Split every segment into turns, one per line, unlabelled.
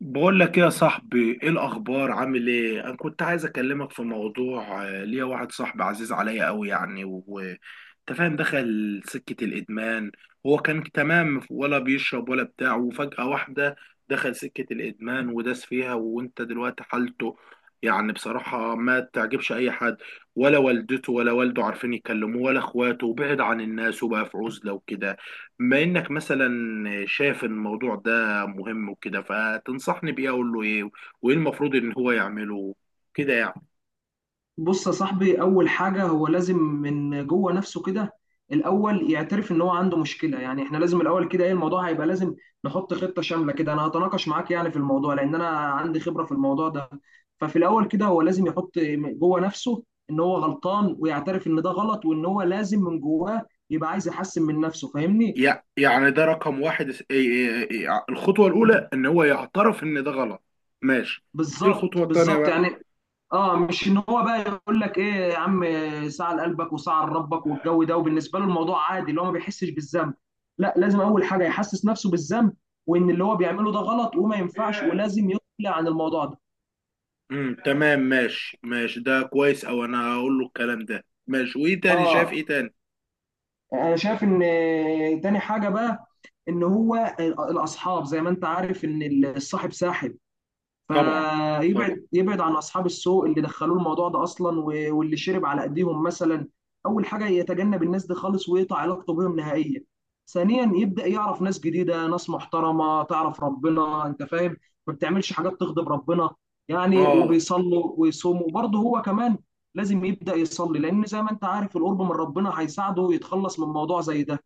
بقول لك ايه يا صاحبي، ايه الاخبار؟ عامل ايه؟ انا كنت عايز اكلمك في موضوع، ليا واحد صاحبي عزيز عليا قوي، يعني وانت فاهم، دخل سكة الادمان. هو كان تمام، ولا بيشرب ولا بتاع، وفجأة واحدة دخل سكة الادمان وداس فيها. وانت دلوقتي حالته يعني بصراحة ما تعجبش اي حد، ولا والدته ولا والده عارفين يكلموه ولا اخواته، وبعد عن الناس وبقى في عزلة وكده. بما انك مثلا شايف الموضوع ده مهم وكده، فتنصحني بإيه؟ أقول له إيه؟ وإيه المفروض إن هو يعمله كده يعني؟
بص يا صاحبي، اول حاجه هو لازم من جوه نفسه كده الاول يعترف ان هو عنده مشكله. يعني احنا لازم الاول كده ايه الموضوع هيبقى لازم نحط خطه شامله كده. انا هتناقش معاك يعني في الموضوع لان انا عندي خبره في الموضوع ده. ففي الاول كده هو لازم يحط جوه نفسه ان هو غلطان ويعترف ان ده غلط، وان هو لازم من جواه يبقى عايز يحسن من نفسه. فاهمني؟
يعني ده رقم واحد، إيه إيه إيه الخطوة الأولى؟ إن هو يعترف إن ده غلط. ماشي. إيه
بالظبط
الخطوة التانية
بالظبط
بقى؟
يعني. اه مش ان هو بقى يقول لك ايه يا عم، ساعة لقلبك وساعة لربك والجو ده، وبالنسبه له الموضوع عادي اللي هو ما بيحسش بالذنب. لا، لازم اول حاجه يحسس نفسه بالذنب، وان اللي هو بيعمله ده غلط وما ينفعش ولازم يقلع عن الموضوع ده.
تمام، ماشي ماشي، ده كويس. أو أنا هقول له الكلام ده، ماشي. وإيه تاني؟ شايف
اه
إيه تاني؟
انا شايف ان تاني حاجه بقى، ان هو الاصحاب زي ما انت عارف ان الصاحب ساحب،
طبعا، طبعا.
فيبعد عن اصحاب السوء اللي دخلوه الموضوع ده اصلا واللي شرب على ايديهم مثلا. اول حاجه يتجنب الناس دي خالص ويقطع علاقته بهم نهائيا. ثانيا يبدا يعرف ناس جديده، ناس محترمه تعرف ربنا، انت فاهم ما بتعملش حاجات تغضب ربنا، يعني
آه،
وبيصلوا ويصوموا. وبرضه هو كمان لازم يبدا يصلي، لان زي ما انت عارف القرب من ربنا هيساعده يتخلص من موضوع زي ده.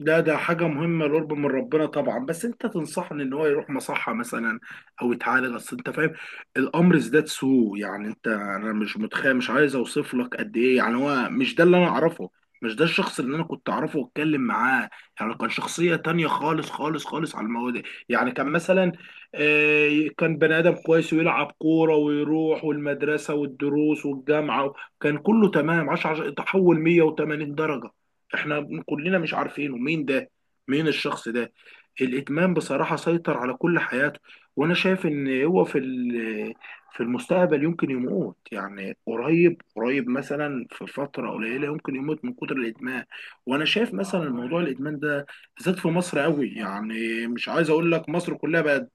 ده ده حاجة مهمة القرب من ربنا طبعا. بس انت تنصحني ان هو يروح مصحة مثلا او يتعالج؟ اصل انت فاهم الامر ازداد سوء يعني، انت انا مش متخيل، مش عايز اوصف لك قد ايه. يعني هو مش ده اللي انا اعرفه، مش ده الشخص اللي انا كنت اعرفه واتكلم معاه. يعني كان شخصية تانية خالص خالص خالص على المواد. يعني كان مثلا، كان بني ادم كويس، ويلعب كورة ويروح والمدرسة والدروس والجامعة، كان كله تمام. 10 تحول 180 درجة، احنا كلنا مش عارفينه مين ده، مين الشخص ده. الادمان بصراحه سيطر على كل حياته. وانا شايف ان هو في المستقبل يمكن يموت، يعني قريب قريب مثلا في فتره قليله يمكن يموت من كتر الادمان. وانا شايف مثلا موضوع الادمان ده بالذات في مصر قوي، يعني مش عايز اقول لك مصر كلها بقت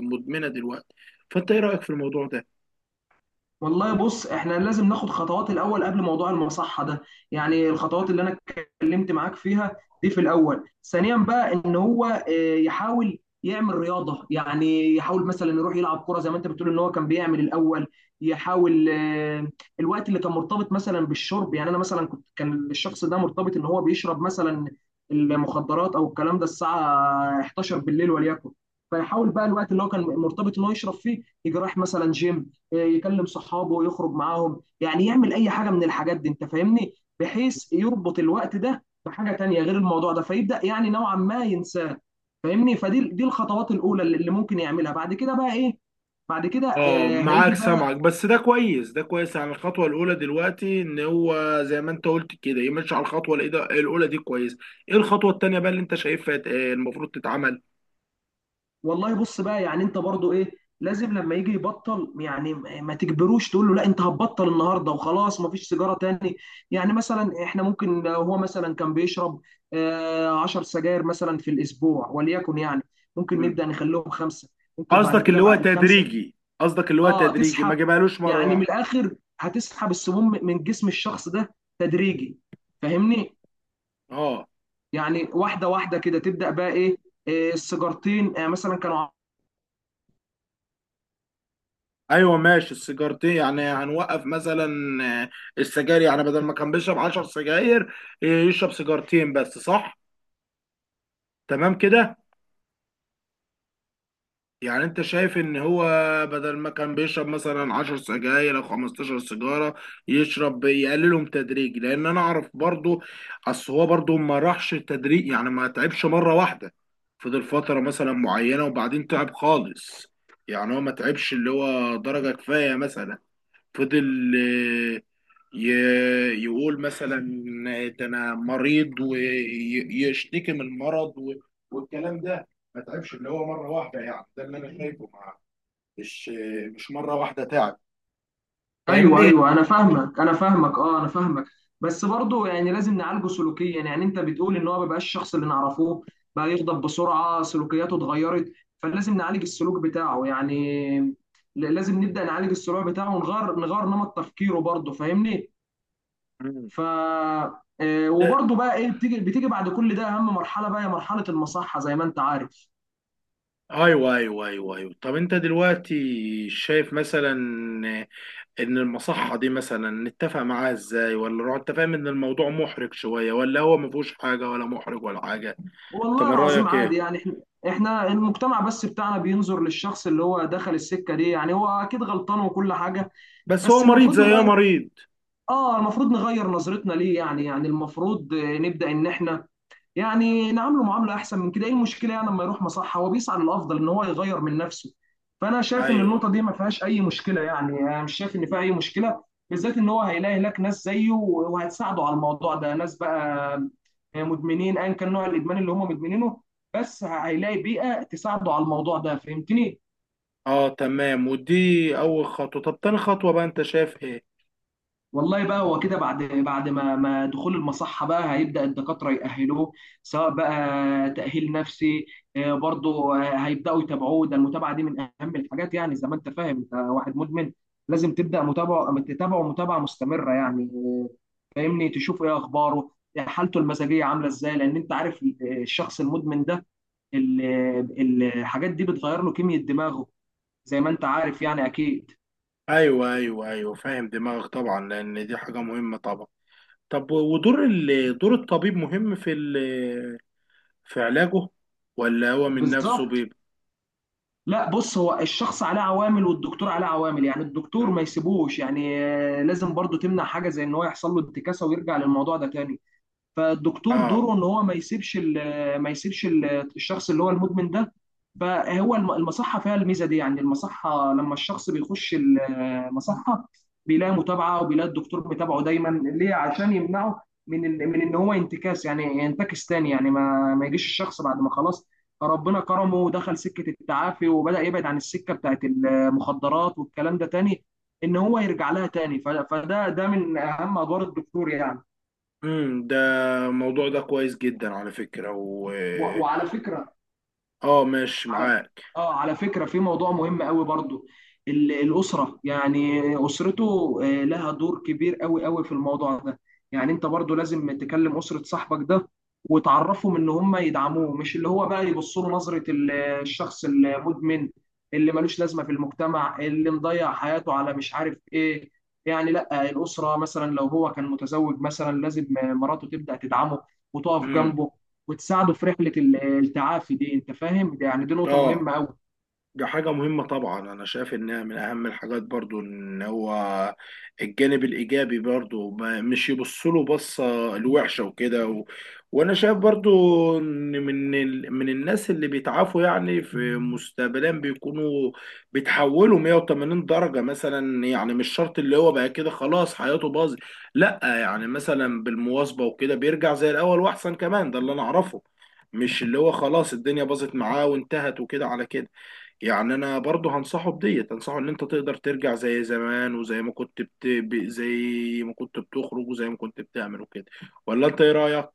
مدمنه دلوقتي. فانت ايه رايك في الموضوع ده؟
والله بص احنا لازم ناخد خطوات الاول قبل موضوع المصحه ده. يعني الخطوات اللي انا اتكلمت معاك فيها دي في الاول. ثانيا بقى ان هو يحاول يعمل رياضه، يعني يحاول مثلا يروح يلعب كره زي ما انت بتقول ان هو كان بيعمل الاول. يحاول الوقت اللي كان مرتبط مثلا بالشرب، يعني انا مثلا كنت كان الشخص ده مرتبط ان هو بيشرب مثلا المخدرات او الكلام ده الساعه 11 بالليل وليكن. فيحاول بقى الوقت اللي هو كان مرتبط ان هو يشرب فيه يجي رايح مثلا جيم، يكلم صحابه يخرج معاهم، يعني يعمل اي حاجه من الحاجات دي. انت فاهمني؟ بحيث يربط الوقت ده بحاجه تانية غير الموضوع ده فيبدا يعني نوعا ما ينساه. فاهمني؟ فدي الخطوات الاولى اللي ممكن يعملها. بعد كده بقى ايه؟ بعد كده
اه،
آه
معاك،
هيجي بقى.
سامعك. بس ده كويس، ده كويس. يعني الخطوه الاولى دلوقتي ان هو زي ما انت قلت كده يمشي على الاولى دي، كويس. ايه الخطوه التانيه بقى اللي انت شايفها المفروض تتعمل؟
والله بص بقى يعني انت برضو ايه لازم لما يجي يبطل، يعني ما تجبروش تقول له لا انت هتبطل النهارده وخلاص ما فيش سيجاره تاني. يعني مثلا احنا ممكن لو هو مثلا كان بيشرب 10 سجاير مثلا في الاسبوع وليكن، يعني ممكن
مم.
نبدا نخليهم خمسه. ممكن بعد
قصدك
كده
اللي هو
بعد الخمسه
تدريجي، قصدك اللي هو
اه
تدريجي، ما
تسحب
جبالوش مره
يعني من
واحده.
الاخر. هتسحب السموم من جسم الشخص ده تدريجي. فاهمني؟
اه.
يعني واحده واحده كده تبدا بقى ايه السيجارتين مثلا كانوا.
ايوه ماشي، السيجارتين يعني هنوقف مثلا، آه، السجاير يعني، بدل ما كان بيشرب 10 سجاير، آه، يشرب سيجارتين بس، صح؟ تمام كده. يعني انت شايف ان هو بدل ما كان بيشرب مثلا 10 سجاير او 15 سيجاره، يشرب، يقللهم تدريج. لان انا اعرف برضو، اصل هو برضو ما راحش تدريج يعني، ما تعبش مره واحده، فضل فتره مثلا معينه وبعدين تعب خالص. يعني هو ما تعبش اللي هو درجه كفايه مثلا، فضل يقول مثلا ده انا مريض، ويشتكي من المرض والكلام ده. ما تعبش اللي هو مره واحده، يعني ده اللي انا شايفه، مع، مش مش مره واحده تعب.
ايوه
فاهمني؟
ايوه انا فاهمك انا فاهمك اه انا فاهمك. بس برضه يعني لازم نعالجه سلوكيا. يعني انت بتقول ان هو ما بقاش الشخص اللي نعرفوه، بقى يغضب بسرعه، سلوكياته اتغيرت، فلازم نعالج السلوك بتاعه يعني. لازم نبدا نعالج السلوك بتاعه ونغير نمط تفكيره برضه. فاهمني؟
مم.
ف
ده
وبرضه بقى ايه بتيجي بعد كل ده اهم مرحله بقى هي مرحله المصحه زي ما انت عارف.
ايوه ايوه ايوه ايوه، طب انت دلوقتي شايف مثلا ان المصحه دي مثلا نتفق معاها ازاي، انت فاهم ان الموضوع محرج شويه، ولا هو ما فيهوش حاجه، ولا محرج ولا حاجه؟ انت
والله
من
العظيم
رايك
عادي
ايه؟
يعني. احنا المجتمع بس بتاعنا بينظر للشخص اللي هو دخل السكة دي، يعني هو اكيد غلطان وكل حاجة.
بس هو
بس
مريض،
المفروض
زي ايه
نغير.
مريض.
اه المفروض نغير نظرتنا ليه، يعني المفروض نبدأ ان احنا يعني نعامله معامله احسن من كده. ايه المشكله يعني لما يروح مصحه هو بيسعى للافضل ان هو يغير من نفسه. فانا شايف ان
ايوه.
النقطه دي ما فيهاش اي مشكله، يعني انا مش شايف ان فيها اي مشكله. بالذات ان هو هيلاقي هناك ناس زيه وهتساعده على الموضوع ده، ناس بقى مدمنين ايا كان نوع الادمان اللي هم مدمنينه، بس هيلاقي بيئه تساعده على الموضوع ده. فهمتني؟
اه تمام، ودي اول خطوه. طب تاني خطوه بقى انت شايف ايه؟
والله بقى هو كده بعد ما دخول المصحة بقى هيبدأ الدكاترة يأهلوه. سواء بقى تأهيل نفسي، برضه هيبدأوا يتابعوه. ده المتابعة دي من أهم الحاجات. يعني زي ما أنت فاهم أنت واحد مدمن لازم تبدأ متابعة، تتابعه متابعة مستمرة، يعني فاهمني تشوف إيه أخباره، حالته المزاجية عاملة إزاي. لأن أنت عارف الشخص المدمن ده، الحاجات دي بتغير له كيمياء دماغه، زي ما أنت عارف يعني أكيد.
ايوه ايوه ايوه، فاهم دماغك طبعا، لان دي حاجه مهمه طبعا. طب ودور ال... دور الطبيب مهم في ال... في علاجه، ولا هو من نفسه
بالظبط.
بيبقى؟
لا بص هو الشخص عليه عوامل والدكتور عليه عوامل، يعني الدكتور ما
مم.
يسيبوش. يعني لازم برضو تمنع حاجة زي ان هو يحصل له انتكاسة ويرجع للموضوع ده تاني. فالدكتور
اه.
دوره ان هو ما يسيبش الشخص اللي هو المدمن ده. فهو المصحه فيها الميزه دي. يعني المصحه لما الشخص بيخش المصحه بيلاقي متابعه، وبيلاقي الدكتور متابعه دايما ليه عشان يمنعه من من ان هو ينتكاس يعني ينتكس تاني. يعني ما يجيش الشخص بعد ما خلاص ربنا كرمه ودخل سكه التعافي وبدا يبعد عن السكه بتاعت المخدرات والكلام ده تاني ان هو يرجع لها تاني. فده ده من اهم ادوار الدكتور يعني.
ده الموضوع ده كويس جدا على فكره، و...
وعلى فكره،
اه، ماشي
على
معاك.
اه على فكرة في موضوع مهم قوي برضو، الأسرة يعني أسرته لها دور كبير قوي قوي في الموضوع ده. يعني انت برضو لازم تكلم أسرة صاحبك ده وتعرفهم ان هم يدعموه، مش اللي هو بقى يبصوا له نظرة الشخص المدمن اللي ملوش لازمة في المجتمع، اللي مضيع حياته على مش عارف ايه. يعني لا الأسرة مثلا لو هو كان متزوج مثلا لازم مراته تبدأ تدعمه وتقف
امم.
جنبه وتساعده في رحله التعافي دي. انت فاهم ده يعني دي نقطه
اه،
مهمه قوي.
دي حاجة مهمة طبعا، أنا شايف إنها من أهم الحاجات برضو، إن هو الجانب الإيجابي برضو، ما مش يبصله بصة الوحشة وكده و... وأنا شايف برضو إن من ال... من الناس اللي بيتعافوا يعني في مستقبلا بيكونوا بيتحولوا 180 درجة مثلا، يعني مش شرط اللي هو بقى كده خلاص حياته باظت. لأ، يعني مثلا بالمواظبة وكده بيرجع زي الأول وأحسن كمان، ده اللي أنا أعرفه. مش اللي هو خلاص الدنيا باظت معاه وانتهت وكده على كده. يعني انا برضه هنصحه، بديت هنصحه ان انت تقدر ترجع زي زمان، وزي ما كنت زي ما كنت بتخرج، وزي ما كنت بتعمل وكده. ولا انت ايه رأيك؟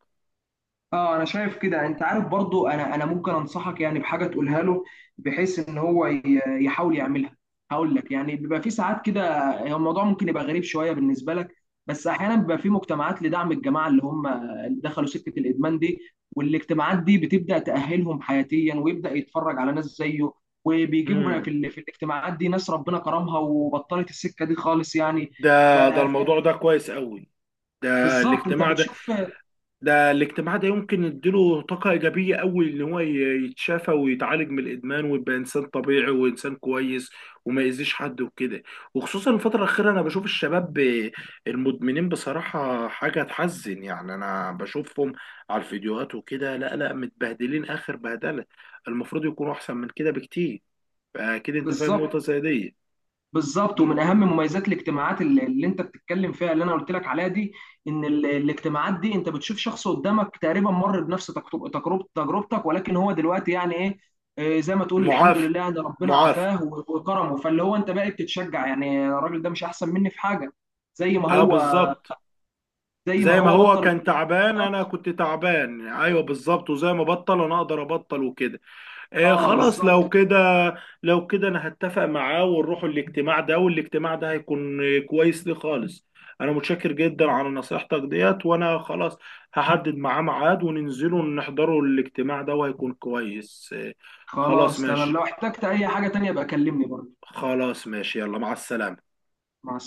اه انا شايف كده. انت عارف برضو، انا ممكن انصحك يعني بحاجه تقولها له بحيث ان هو يحاول يعملها. هقول لك يعني بيبقى في ساعات كده هو الموضوع ممكن يبقى غريب شويه بالنسبه لك، بس احيانا بيبقى في مجتمعات لدعم الجماعه اللي هم اللي دخلوا سكه الادمان دي. والاجتماعات دي بتبدا تاهلهم حياتيا، ويبدا يتفرج على ناس زيه. وبيجيبوا في
امم.
في الاجتماعات دي ناس ربنا كرمها وبطلت السكه دي خالص يعني. ف-
ده ده الموضوع ده كويس قوي، ده
بالظبط انت
الاجتماع ده.
بتشوف.
ده الاجتماع ده يمكن يديله طاقة إيجابية قوي، إن هو يتشافى ويتعالج من الإدمان ويبقى إنسان طبيعي وإنسان كويس، وما يأذيش حد وكده. وخصوصا الفترة الأخيرة أنا بشوف الشباب المدمنين بصراحة حاجة تحزن. يعني أنا بشوفهم على الفيديوهات وكده، لا لا، متبهدلين آخر بهدلة، المفروض يكونوا أحسن من كده بكتير. فأكيد أنت فاهم نقطة
بالظبط
زي دي.
بالظبط،
مم.
ومن اهم مميزات الاجتماعات اللي، اللي انت بتتكلم فيها اللي انا قلت لك عليها دي، ان الاجتماعات دي انت بتشوف شخص قدامك تقريبا مر بنفس تجربتك، ولكن هو دلوقتي يعني ايه زي ما تقول الحمد
معافى،
لله ان ربنا
معافى.
عافاه وكرمه. فاللي هو انت بقى بتتشجع يعني الراجل ده مش احسن مني في حاجه. زي ما
أه،
هو
بالظبط،
زي ما
زي ما
هو
هو
بطل
كان تعبان انا
الإجراءات.
كنت تعبان، ايوه بالظبط، وزي ما بطل انا اقدر ابطل وكده. آه،
اه
خلاص،
بالظبط.
لو كده، لو كده انا هتفق معاه ونروح الاجتماع ده، والاجتماع ده هيكون كويس لي خالص. انا متشكر جدا على نصيحتك ديت، وانا خلاص هحدد معاه ميعاد وننزله نحضره الاجتماع ده، وهيكون كويس. آه، خلاص
خلاص تمام،
ماشي،
لو احتجت اي حاجه تانية بقى كلمني برضه.
خلاص ماشي، يلا، مع السلامة.
مع